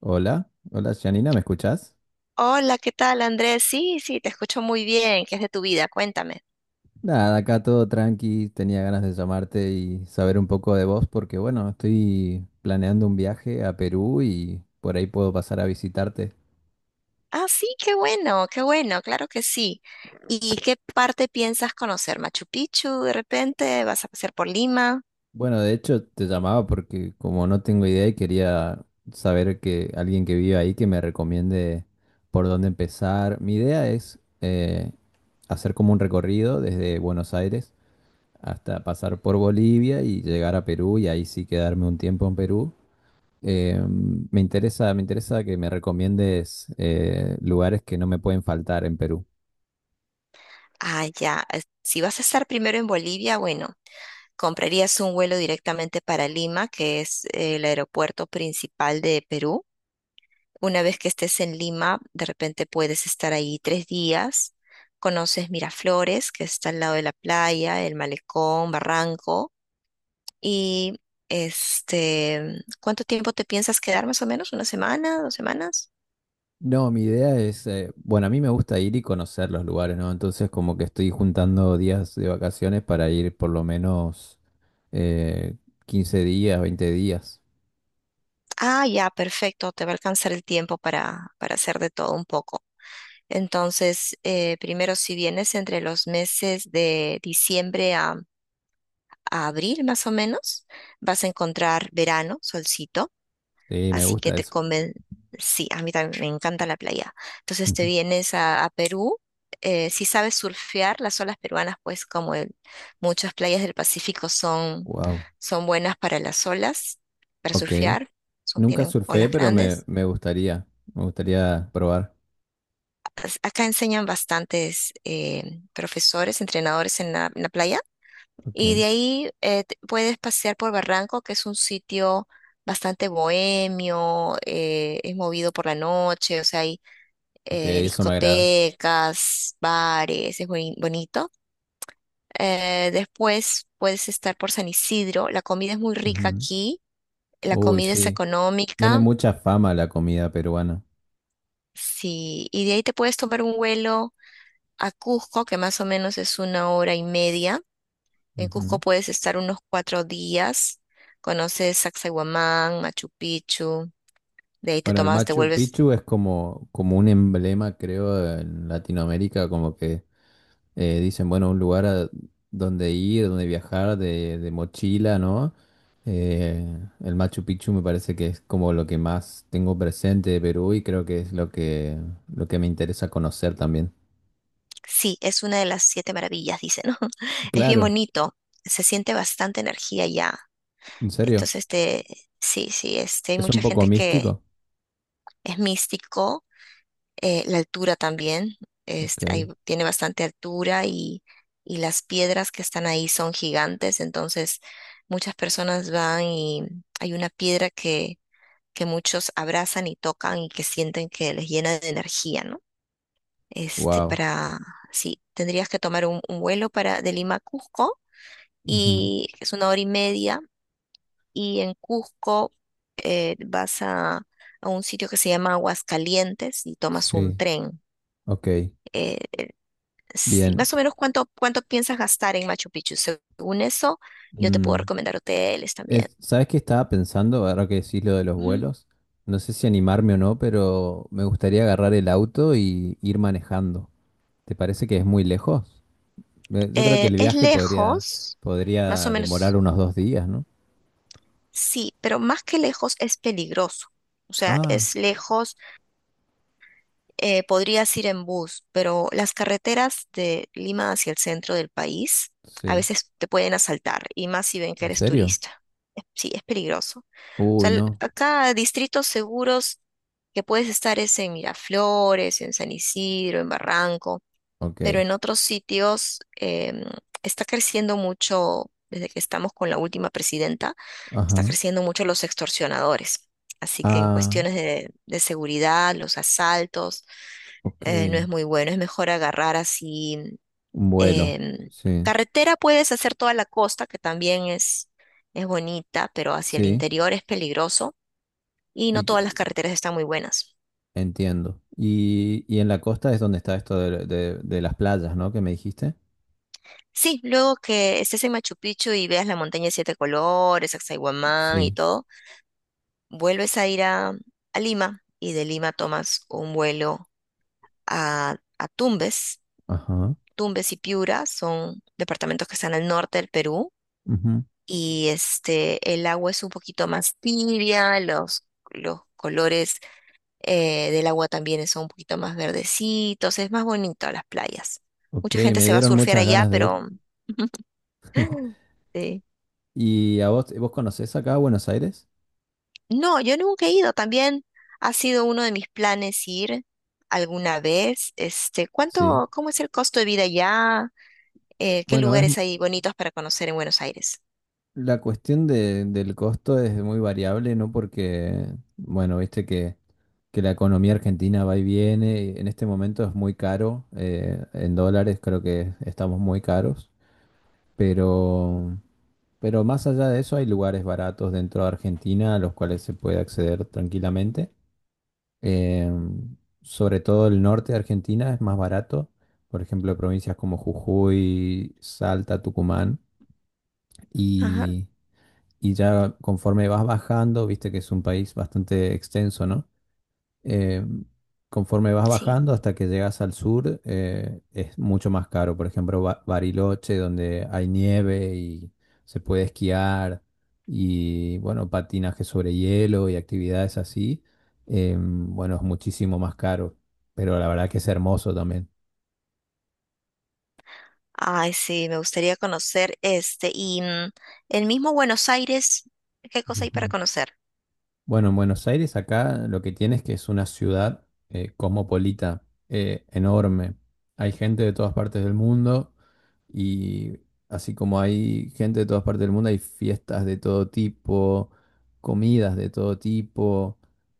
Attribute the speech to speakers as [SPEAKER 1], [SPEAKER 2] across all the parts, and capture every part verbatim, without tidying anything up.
[SPEAKER 1] Hola, hola Janina, ¿me escuchás?
[SPEAKER 2] Hola, ¿qué tal, Andrés? Sí, sí, te escucho muy bien. ¿Qué es de tu vida? Cuéntame.
[SPEAKER 1] Nada, acá todo tranqui, tenía ganas de llamarte y saber un poco de vos porque bueno, estoy planeando un viaje a Perú y por ahí puedo pasar a visitarte.
[SPEAKER 2] Ah, sí, qué bueno, qué bueno, claro que sí. ¿Y qué parte piensas conocer? ¿Machu Picchu de repente? ¿Vas a pasar por Lima?
[SPEAKER 1] Bueno, de hecho te llamaba porque como no tengo idea y quería saber que alguien que vive ahí que me recomiende por dónde empezar. Mi idea es eh, hacer como un recorrido desde Buenos Aires hasta pasar por Bolivia y llegar a Perú y ahí sí quedarme un tiempo en Perú. Eh, me interesa, me interesa que me recomiendes eh, lugares que no me pueden faltar en Perú.
[SPEAKER 2] Ah, ya. es- Si vas a estar primero en Bolivia, bueno, comprarías un vuelo directamente para Lima, que es eh, el aeropuerto principal de Perú. Una vez que estés en Lima, de repente puedes estar ahí tres días. Conoces Miraflores, que está al lado de la playa, el malecón, Barranco. Y este, ¿Cuánto tiempo te piensas quedar más o menos? ¿Una semana? ¿Dos semanas?
[SPEAKER 1] No, mi idea es, eh, bueno, a mí me gusta ir y conocer los lugares, ¿no? Entonces como que estoy juntando días de vacaciones para ir por lo menos eh, quince días, veinte días.
[SPEAKER 2] Ah, ya, perfecto. Te va a alcanzar el tiempo para, para hacer de todo un poco. Entonces, eh, primero, si vienes entre los meses de diciembre a, a abril, más o menos, vas a encontrar verano, solcito.
[SPEAKER 1] Sí, me
[SPEAKER 2] Así que
[SPEAKER 1] gusta
[SPEAKER 2] te
[SPEAKER 1] eso.
[SPEAKER 2] conven... Sí, a mí también me encanta la playa. Entonces te vienes a, a Perú. Eh, si sabes surfear, las olas peruanas, pues como el- muchas playas del Pacífico son,
[SPEAKER 1] Wow,
[SPEAKER 2] son buenas para las olas, para
[SPEAKER 1] ok.
[SPEAKER 2] surfear, son,
[SPEAKER 1] Nunca
[SPEAKER 2] tienen
[SPEAKER 1] surfé,
[SPEAKER 2] olas
[SPEAKER 1] pero me,
[SPEAKER 2] grandes.
[SPEAKER 1] me gustaría, me gustaría probar.
[SPEAKER 2] As- Acá enseñan bastantes eh, profesores, entrenadores en la, en la playa.
[SPEAKER 1] Ok,
[SPEAKER 2] Y de ahí eh, te- puedes pasear por Barranco, que es un sitio bastante bohemio, eh, es movido por la noche, o sea, hay
[SPEAKER 1] ok,
[SPEAKER 2] eh,
[SPEAKER 1] eso me agrada.
[SPEAKER 2] discotecas, bares, es buen- bonito. Eh, después puedes estar por San Isidro, la comida es muy rica
[SPEAKER 1] Ujú.
[SPEAKER 2] aquí, la
[SPEAKER 1] Uy,
[SPEAKER 2] comida es
[SPEAKER 1] sí. Tiene
[SPEAKER 2] económica,
[SPEAKER 1] mucha fama la comida peruana.
[SPEAKER 2] sí, y de ahí te puedes tomar un vuelo a Cusco, que más o menos es una hora y media. En
[SPEAKER 1] Ujú.
[SPEAKER 2] Cusco puedes estar unos cuatro días, conoces Sacsayhuamán, Machu Picchu, de ahí te
[SPEAKER 1] Bueno, el
[SPEAKER 2] tomas, te
[SPEAKER 1] Machu
[SPEAKER 2] vuelves,
[SPEAKER 1] Picchu es como, como un emblema, creo, en Latinoamérica, como que eh, dicen, bueno, un lugar a donde ir, donde viajar de, de mochila, ¿no? Eh, el Machu Picchu me parece que es como lo que más tengo presente de Perú y creo que es lo que, lo que me interesa conocer también.
[SPEAKER 2] sí, es una de las siete maravillas, dicen, ¿no? Es bien
[SPEAKER 1] Claro,
[SPEAKER 2] bonito, se siente bastante energía allá.
[SPEAKER 1] en serio,
[SPEAKER 2] Entonces, este, sí, sí, este, hay
[SPEAKER 1] es un
[SPEAKER 2] mucha
[SPEAKER 1] poco
[SPEAKER 2] gente que
[SPEAKER 1] místico.
[SPEAKER 2] es místico, eh, la altura también,
[SPEAKER 1] Ok,
[SPEAKER 2] este, hay- tiene bastante altura, y, y las piedras que están ahí son gigantes, entonces muchas personas van y hay una piedra que, que muchos abrazan y tocan y que sienten que les llena de energía, ¿no? Este,
[SPEAKER 1] wow.
[SPEAKER 2] para, sí, tendrías que tomar un, un vuelo para, de Lima a Cusco,
[SPEAKER 1] Ujú.
[SPEAKER 2] y es una hora y media, y en Cusco eh, vas a, a un sitio que se llama Aguascalientes y tomas un
[SPEAKER 1] Sí,
[SPEAKER 2] tren.
[SPEAKER 1] ok,
[SPEAKER 2] Eh, sí,
[SPEAKER 1] bien.
[SPEAKER 2] más o menos cuánto, cuánto piensas gastar en Machu Picchu. Según eso, yo te puedo
[SPEAKER 1] Mm.
[SPEAKER 2] recomendar hoteles también.
[SPEAKER 1] Es- ¿sabes qué estaba pensando? Ahora que decís lo de los
[SPEAKER 2] Ujú.
[SPEAKER 1] vuelos. No sé si animarme o no, pero me gustaría agarrar el auto y ir manejando. ¿Te parece que es muy lejos? Me- Yo creo que
[SPEAKER 2] Eh,
[SPEAKER 1] el
[SPEAKER 2] es
[SPEAKER 1] viaje podría,
[SPEAKER 2] lejos, más o
[SPEAKER 1] podría demorar
[SPEAKER 2] menos,
[SPEAKER 1] unos dos días, ¿no?
[SPEAKER 2] sí, pero más que lejos es peligroso. O sea,
[SPEAKER 1] Ah,
[SPEAKER 2] es lejos, eh, podrías ir en bus, pero las carreteras de Lima hacia el centro del país a
[SPEAKER 1] sí.
[SPEAKER 2] veces te pueden asaltar, y más si ven que
[SPEAKER 1] ¿En
[SPEAKER 2] eres
[SPEAKER 1] serio?
[SPEAKER 2] turista. Es- Sí, es peligroso. O
[SPEAKER 1] Uy,
[SPEAKER 2] sea, el-
[SPEAKER 1] no.
[SPEAKER 2] acá distritos seguros que puedes estar es en Miraflores, en San Isidro, en Barranco, pero
[SPEAKER 1] Ok.
[SPEAKER 2] en otros sitios, em, está creciendo mucho, desde que estamos con la última presidenta, está
[SPEAKER 1] Ajá.
[SPEAKER 2] creciendo mucho los extorsionadores. Así que en
[SPEAKER 1] Ah,
[SPEAKER 2] cuestiones de de seguridad, los asaltos,
[SPEAKER 1] ok.
[SPEAKER 2] eh, no es muy bueno, es mejor agarrar así.
[SPEAKER 1] Un vuelo.
[SPEAKER 2] em,
[SPEAKER 1] Sí.
[SPEAKER 2] Carretera puedes hacer toda la costa, que también es, es bonita, pero hacia el
[SPEAKER 1] Sí.
[SPEAKER 2] interior es peligroso, y no
[SPEAKER 1] Y
[SPEAKER 2] todas las
[SPEAKER 1] te-
[SPEAKER 2] carreteras están muy buenas.
[SPEAKER 1] entiendo. Y, y en la costa es donde está esto de, de de las playas, ¿no? Que me dijiste.
[SPEAKER 2] Sí, luego que estés en Machu Picchu y veas la montaña de siete colores, Axaywamán y
[SPEAKER 1] Sí.
[SPEAKER 2] todo, vuelves a ir a, a Lima, y de Lima tomas un vuelo a, a Tumbes.
[SPEAKER 1] Ajá.
[SPEAKER 2] Tumbes y Piura son departamentos que están al norte del Perú,
[SPEAKER 1] Ujú.
[SPEAKER 2] y este, el agua es un poquito más tibia, los, los colores eh, del agua también son un poquito más verdecitos, es más bonito las playas.
[SPEAKER 1] Ok,
[SPEAKER 2] Mucha gente
[SPEAKER 1] me
[SPEAKER 2] se va a
[SPEAKER 1] dieron
[SPEAKER 2] surfear
[SPEAKER 1] muchas
[SPEAKER 2] allá,
[SPEAKER 1] ganas de ir.
[SPEAKER 2] pero sí.
[SPEAKER 1] ¿Y a vos, vos conocés acá a Buenos Aires?
[SPEAKER 2] No, yo nunca he ido, también ha sido uno de mis planes ir alguna vez. Este,
[SPEAKER 1] Sí.
[SPEAKER 2] ¿cuánto, Cómo es el costo de vida allá? Eh, ¿qué
[SPEAKER 1] Bueno, es
[SPEAKER 2] lugares hay bonitos para conocer en Buenos Aires?
[SPEAKER 1] la cuestión de- del costo es muy variable, ¿no? Porque, bueno, viste que, que la economía argentina va y viene. Y en este momento es muy caro. Eh, en dólares creo que estamos muy caros. Pero, pero más allá de eso, hay lugares baratos dentro de Argentina a los cuales se puede acceder tranquilamente. Eh, sobre todo el norte de Argentina es más barato. Por ejemplo, provincias como Jujuy, Salta, Tucumán.
[SPEAKER 2] Ajá,
[SPEAKER 1] Y, y ya conforme vas bajando, viste que es un país bastante extenso, ¿no? eh, conforme vas
[SPEAKER 2] sí.
[SPEAKER 1] bajando hasta que llegas al sur, eh, es mucho más caro. Por ejemplo, Ba- Bariloche, donde hay nieve y se puede esquiar y, bueno, patinaje sobre hielo y actividades así, eh, bueno, es muchísimo más caro. Pero la verdad que es hermoso también.
[SPEAKER 2] Ay, sí, me gustaría conocer este. Y mm, el mismo Buenos Aires, ¿qué cosa hay para
[SPEAKER 1] Ujú.
[SPEAKER 2] conocer?
[SPEAKER 1] Bueno, en Buenos Aires acá lo que tienes que es una ciudad eh, cosmopolita, eh, enorme. Hay gente de todas partes del mundo. Y así como hay gente de todas partes del mundo, hay fiestas de todo tipo, comidas de todo tipo,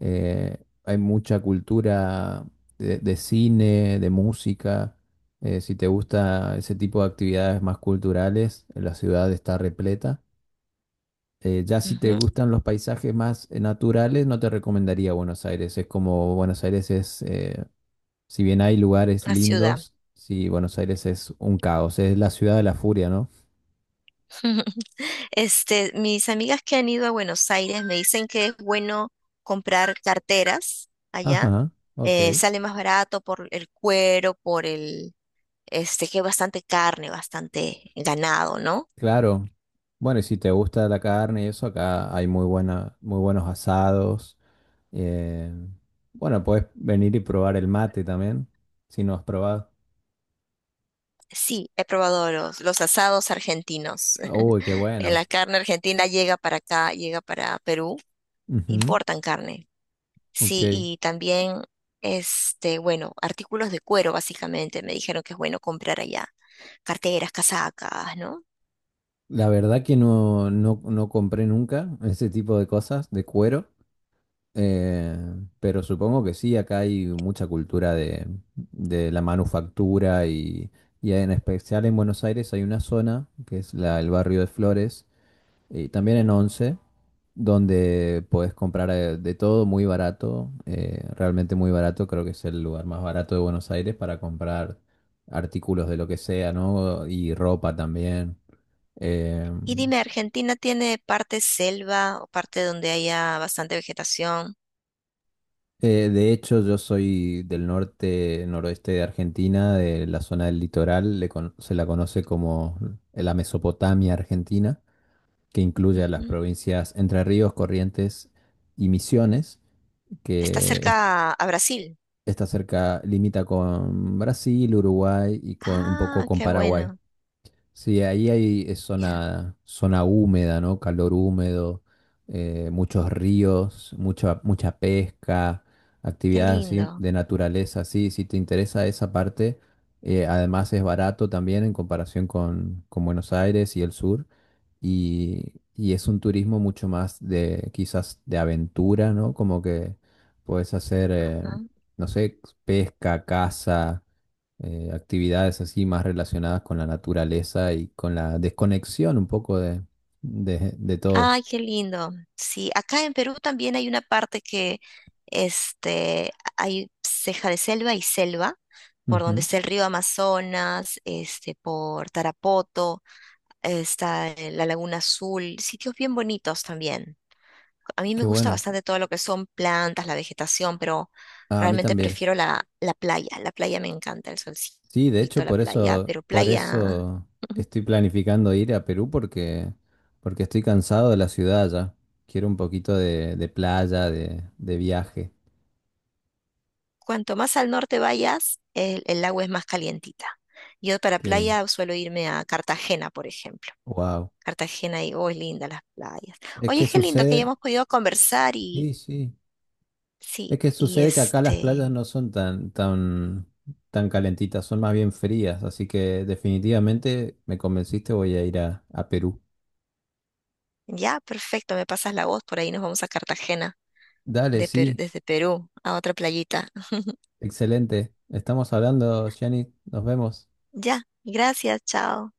[SPEAKER 1] eh, hay mucha cultura de, de cine, de música. Eh, si te gusta ese tipo de actividades más culturales, eh, la ciudad está repleta. Eh, ya si te
[SPEAKER 2] Ujú.
[SPEAKER 1] gustan los paisajes más eh, naturales, no te recomendaría Buenos Aires. Es como Buenos Aires es, eh, si bien hay lugares
[SPEAKER 2] La ciudad.
[SPEAKER 1] lindos, sí, Buenos Aires es un caos, es la ciudad de la furia, ¿no?
[SPEAKER 2] Este, mis amigas que han ido a Buenos Aires me dicen que es bueno comprar carteras allá.
[SPEAKER 1] Ajá, ok,
[SPEAKER 2] Eh, sale más barato por el cuero, por el, este, que hay bastante carne, bastante ganado, ¿no?
[SPEAKER 1] claro. Bueno, y si te gusta la carne y eso, acá hay muy buena, muy buenos asados. eh, bueno, puedes venir y probar el mate también, si no has probado.
[SPEAKER 2] Sí, he probado los, los asados argentinos.
[SPEAKER 1] Uy, qué bueno.
[SPEAKER 2] La carne argentina llega para acá, llega para Perú,
[SPEAKER 1] Ujú,
[SPEAKER 2] importan carne. Sí,
[SPEAKER 1] ok.
[SPEAKER 2] y también, este, bueno, artículos de cuero, básicamente, me dijeron que es bueno comprar allá. Carteras, casacas, ¿no?
[SPEAKER 1] La verdad que no, no, no compré nunca ese tipo de cosas de cuero. Eh, pero supongo que sí, acá hay mucha cultura de, de la manufactura y, y en especial en Buenos Aires hay una zona que es la, el barrio de Flores y también en Once, donde podés comprar eh, de todo muy barato, eh, realmente muy barato, creo que es el lugar más barato de Buenos Aires para comprar artículos de lo que sea, ¿no? Y ropa también.
[SPEAKER 2] Y
[SPEAKER 1] Em,
[SPEAKER 2] dime, ¿Argentina tiene parte selva o parte donde haya bastante vegetación?
[SPEAKER 1] Eh, de hecho, yo soy del norte, noroeste de Argentina, de la zona del litoral, le cono- se la conoce como la Mesopotamia Argentina, que incluye a las
[SPEAKER 2] Ujú.
[SPEAKER 1] provincias Entre Ríos, Corrientes y Misiones,
[SPEAKER 2] Está
[SPEAKER 1] que es-
[SPEAKER 2] cerca a Brasil.
[SPEAKER 1] está cerca, limita con Brasil, Uruguay y con un poco
[SPEAKER 2] Ah,
[SPEAKER 1] con
[SPEAKER 2] qué
[SPEAKER 1] Paraguay.
[SPEAKER 2] bueno.
[SPEAKER 1] Sí, ahí hay es
[SPEAKER 2] Ya,
[SPEAKER 1] zona, zona húmeda, ¿no? Calor húmedo, eh, muchos ríos, mucha, mucha pesca,
[SPEAKER 2] qué
[SPEAKER 1] actividades así
[SPEAKER 2] lindo.
[SPEAKER 1] de naturaleza, sí, si te interesa esa parte, eh, además es barato también en comparación con, con Buenos Aires y el sur, y, y es un turismo mucho más de quizás de aventura, ¿no? Como que puedes hacer, eh, no sé, pesca, caza, eh, actividades así más relacionadas con la naturaleza y con la desconexión un poco de, de, de todo.
[SPEAKER 2] Ay, qué lindo. Sí, acá en Perú también hay una parte que este, hay ceja de selva y selva, por donde
[SPEAKER 1] Ujú,
[SPEAKER 2] está el río Amazonas, este, por Tarapoto, está eh, la Laguna Azul, sitios bien bonitos también. A mí me
[SPEAKER 1] qué
[SPEAKER 2] gusta
[SPEAKER 1] bueno.
[SPEAKER 2] bastante todo lo que son plantas, la vegetación, pero
[SPEAKER 1] Ah, a mí
[SPEAKER 2] realmente
[SPEAKER 1] también.
[SPEAKER 2] prefiero la, la playa. La playa me encanta, el
[SPEAKER 1] Sí, de
[SPEAKER 2] solcito,
[SPEAKER 1] hecho,
[SPEAKER 2] la
[SPEAKER 1] por
[SPEAKER 2] playa,
[SPEAKER 1] eso,
[SPEAKER 2] pero
[SPEAKER 1] por
[SPEAKER 2] playa.
[SPEAKER 1] eso estoy planificando ir a Perú porque, porque estoy cansado de la ciudad ya. Quiero un poquito de, de playa, de, de viaje.
[SPEAKER 2] Cuanto más al norte vayas, el, el agua es más calientita. Yo para
[SPEAKER 1] Que,
[SPEAKER 2] playa suelo irme a Cartagena, por ejemplo.
[SPEAKER 1] wow.
[SPEAKER 2] Cartagena y, oh, es linda las playas.
[SPEAKER 1] Es que
[SPEAKER 2] Oye, qué lindo que
[SPEAKER 1] sucede,
[SPEAKER 2] hayamos podido conversar y,
[SPEAKER 1] sí, sí. Es
[SPEAKER 2] sí,
[SPEAKER 1] que
[SPEAKER 2] y
[SPEAKER 1] sucede que acá las playas
[SPEAKER 2] este,
[SPEAKER 1] no son tan, tan, tan calentitas, son más bien frías, así que definitivamente me convenciste, voy a ir a, a Perú.
[SPEAKER 2] ya, perfecto, me pasas la voz, por ahí nos vamos a Cartagena
[SPEAKER 1] Dale,
[SPEAKER 2] de Perú-
[SPEAKER 1] sí,
[SPEAKER 2] desde Perú a otra playita.
[SPEAKER 1] excelente. Estamos hablando, Gianni, nos vemos.
[SPEAKER 2] Ya, gracias, chao.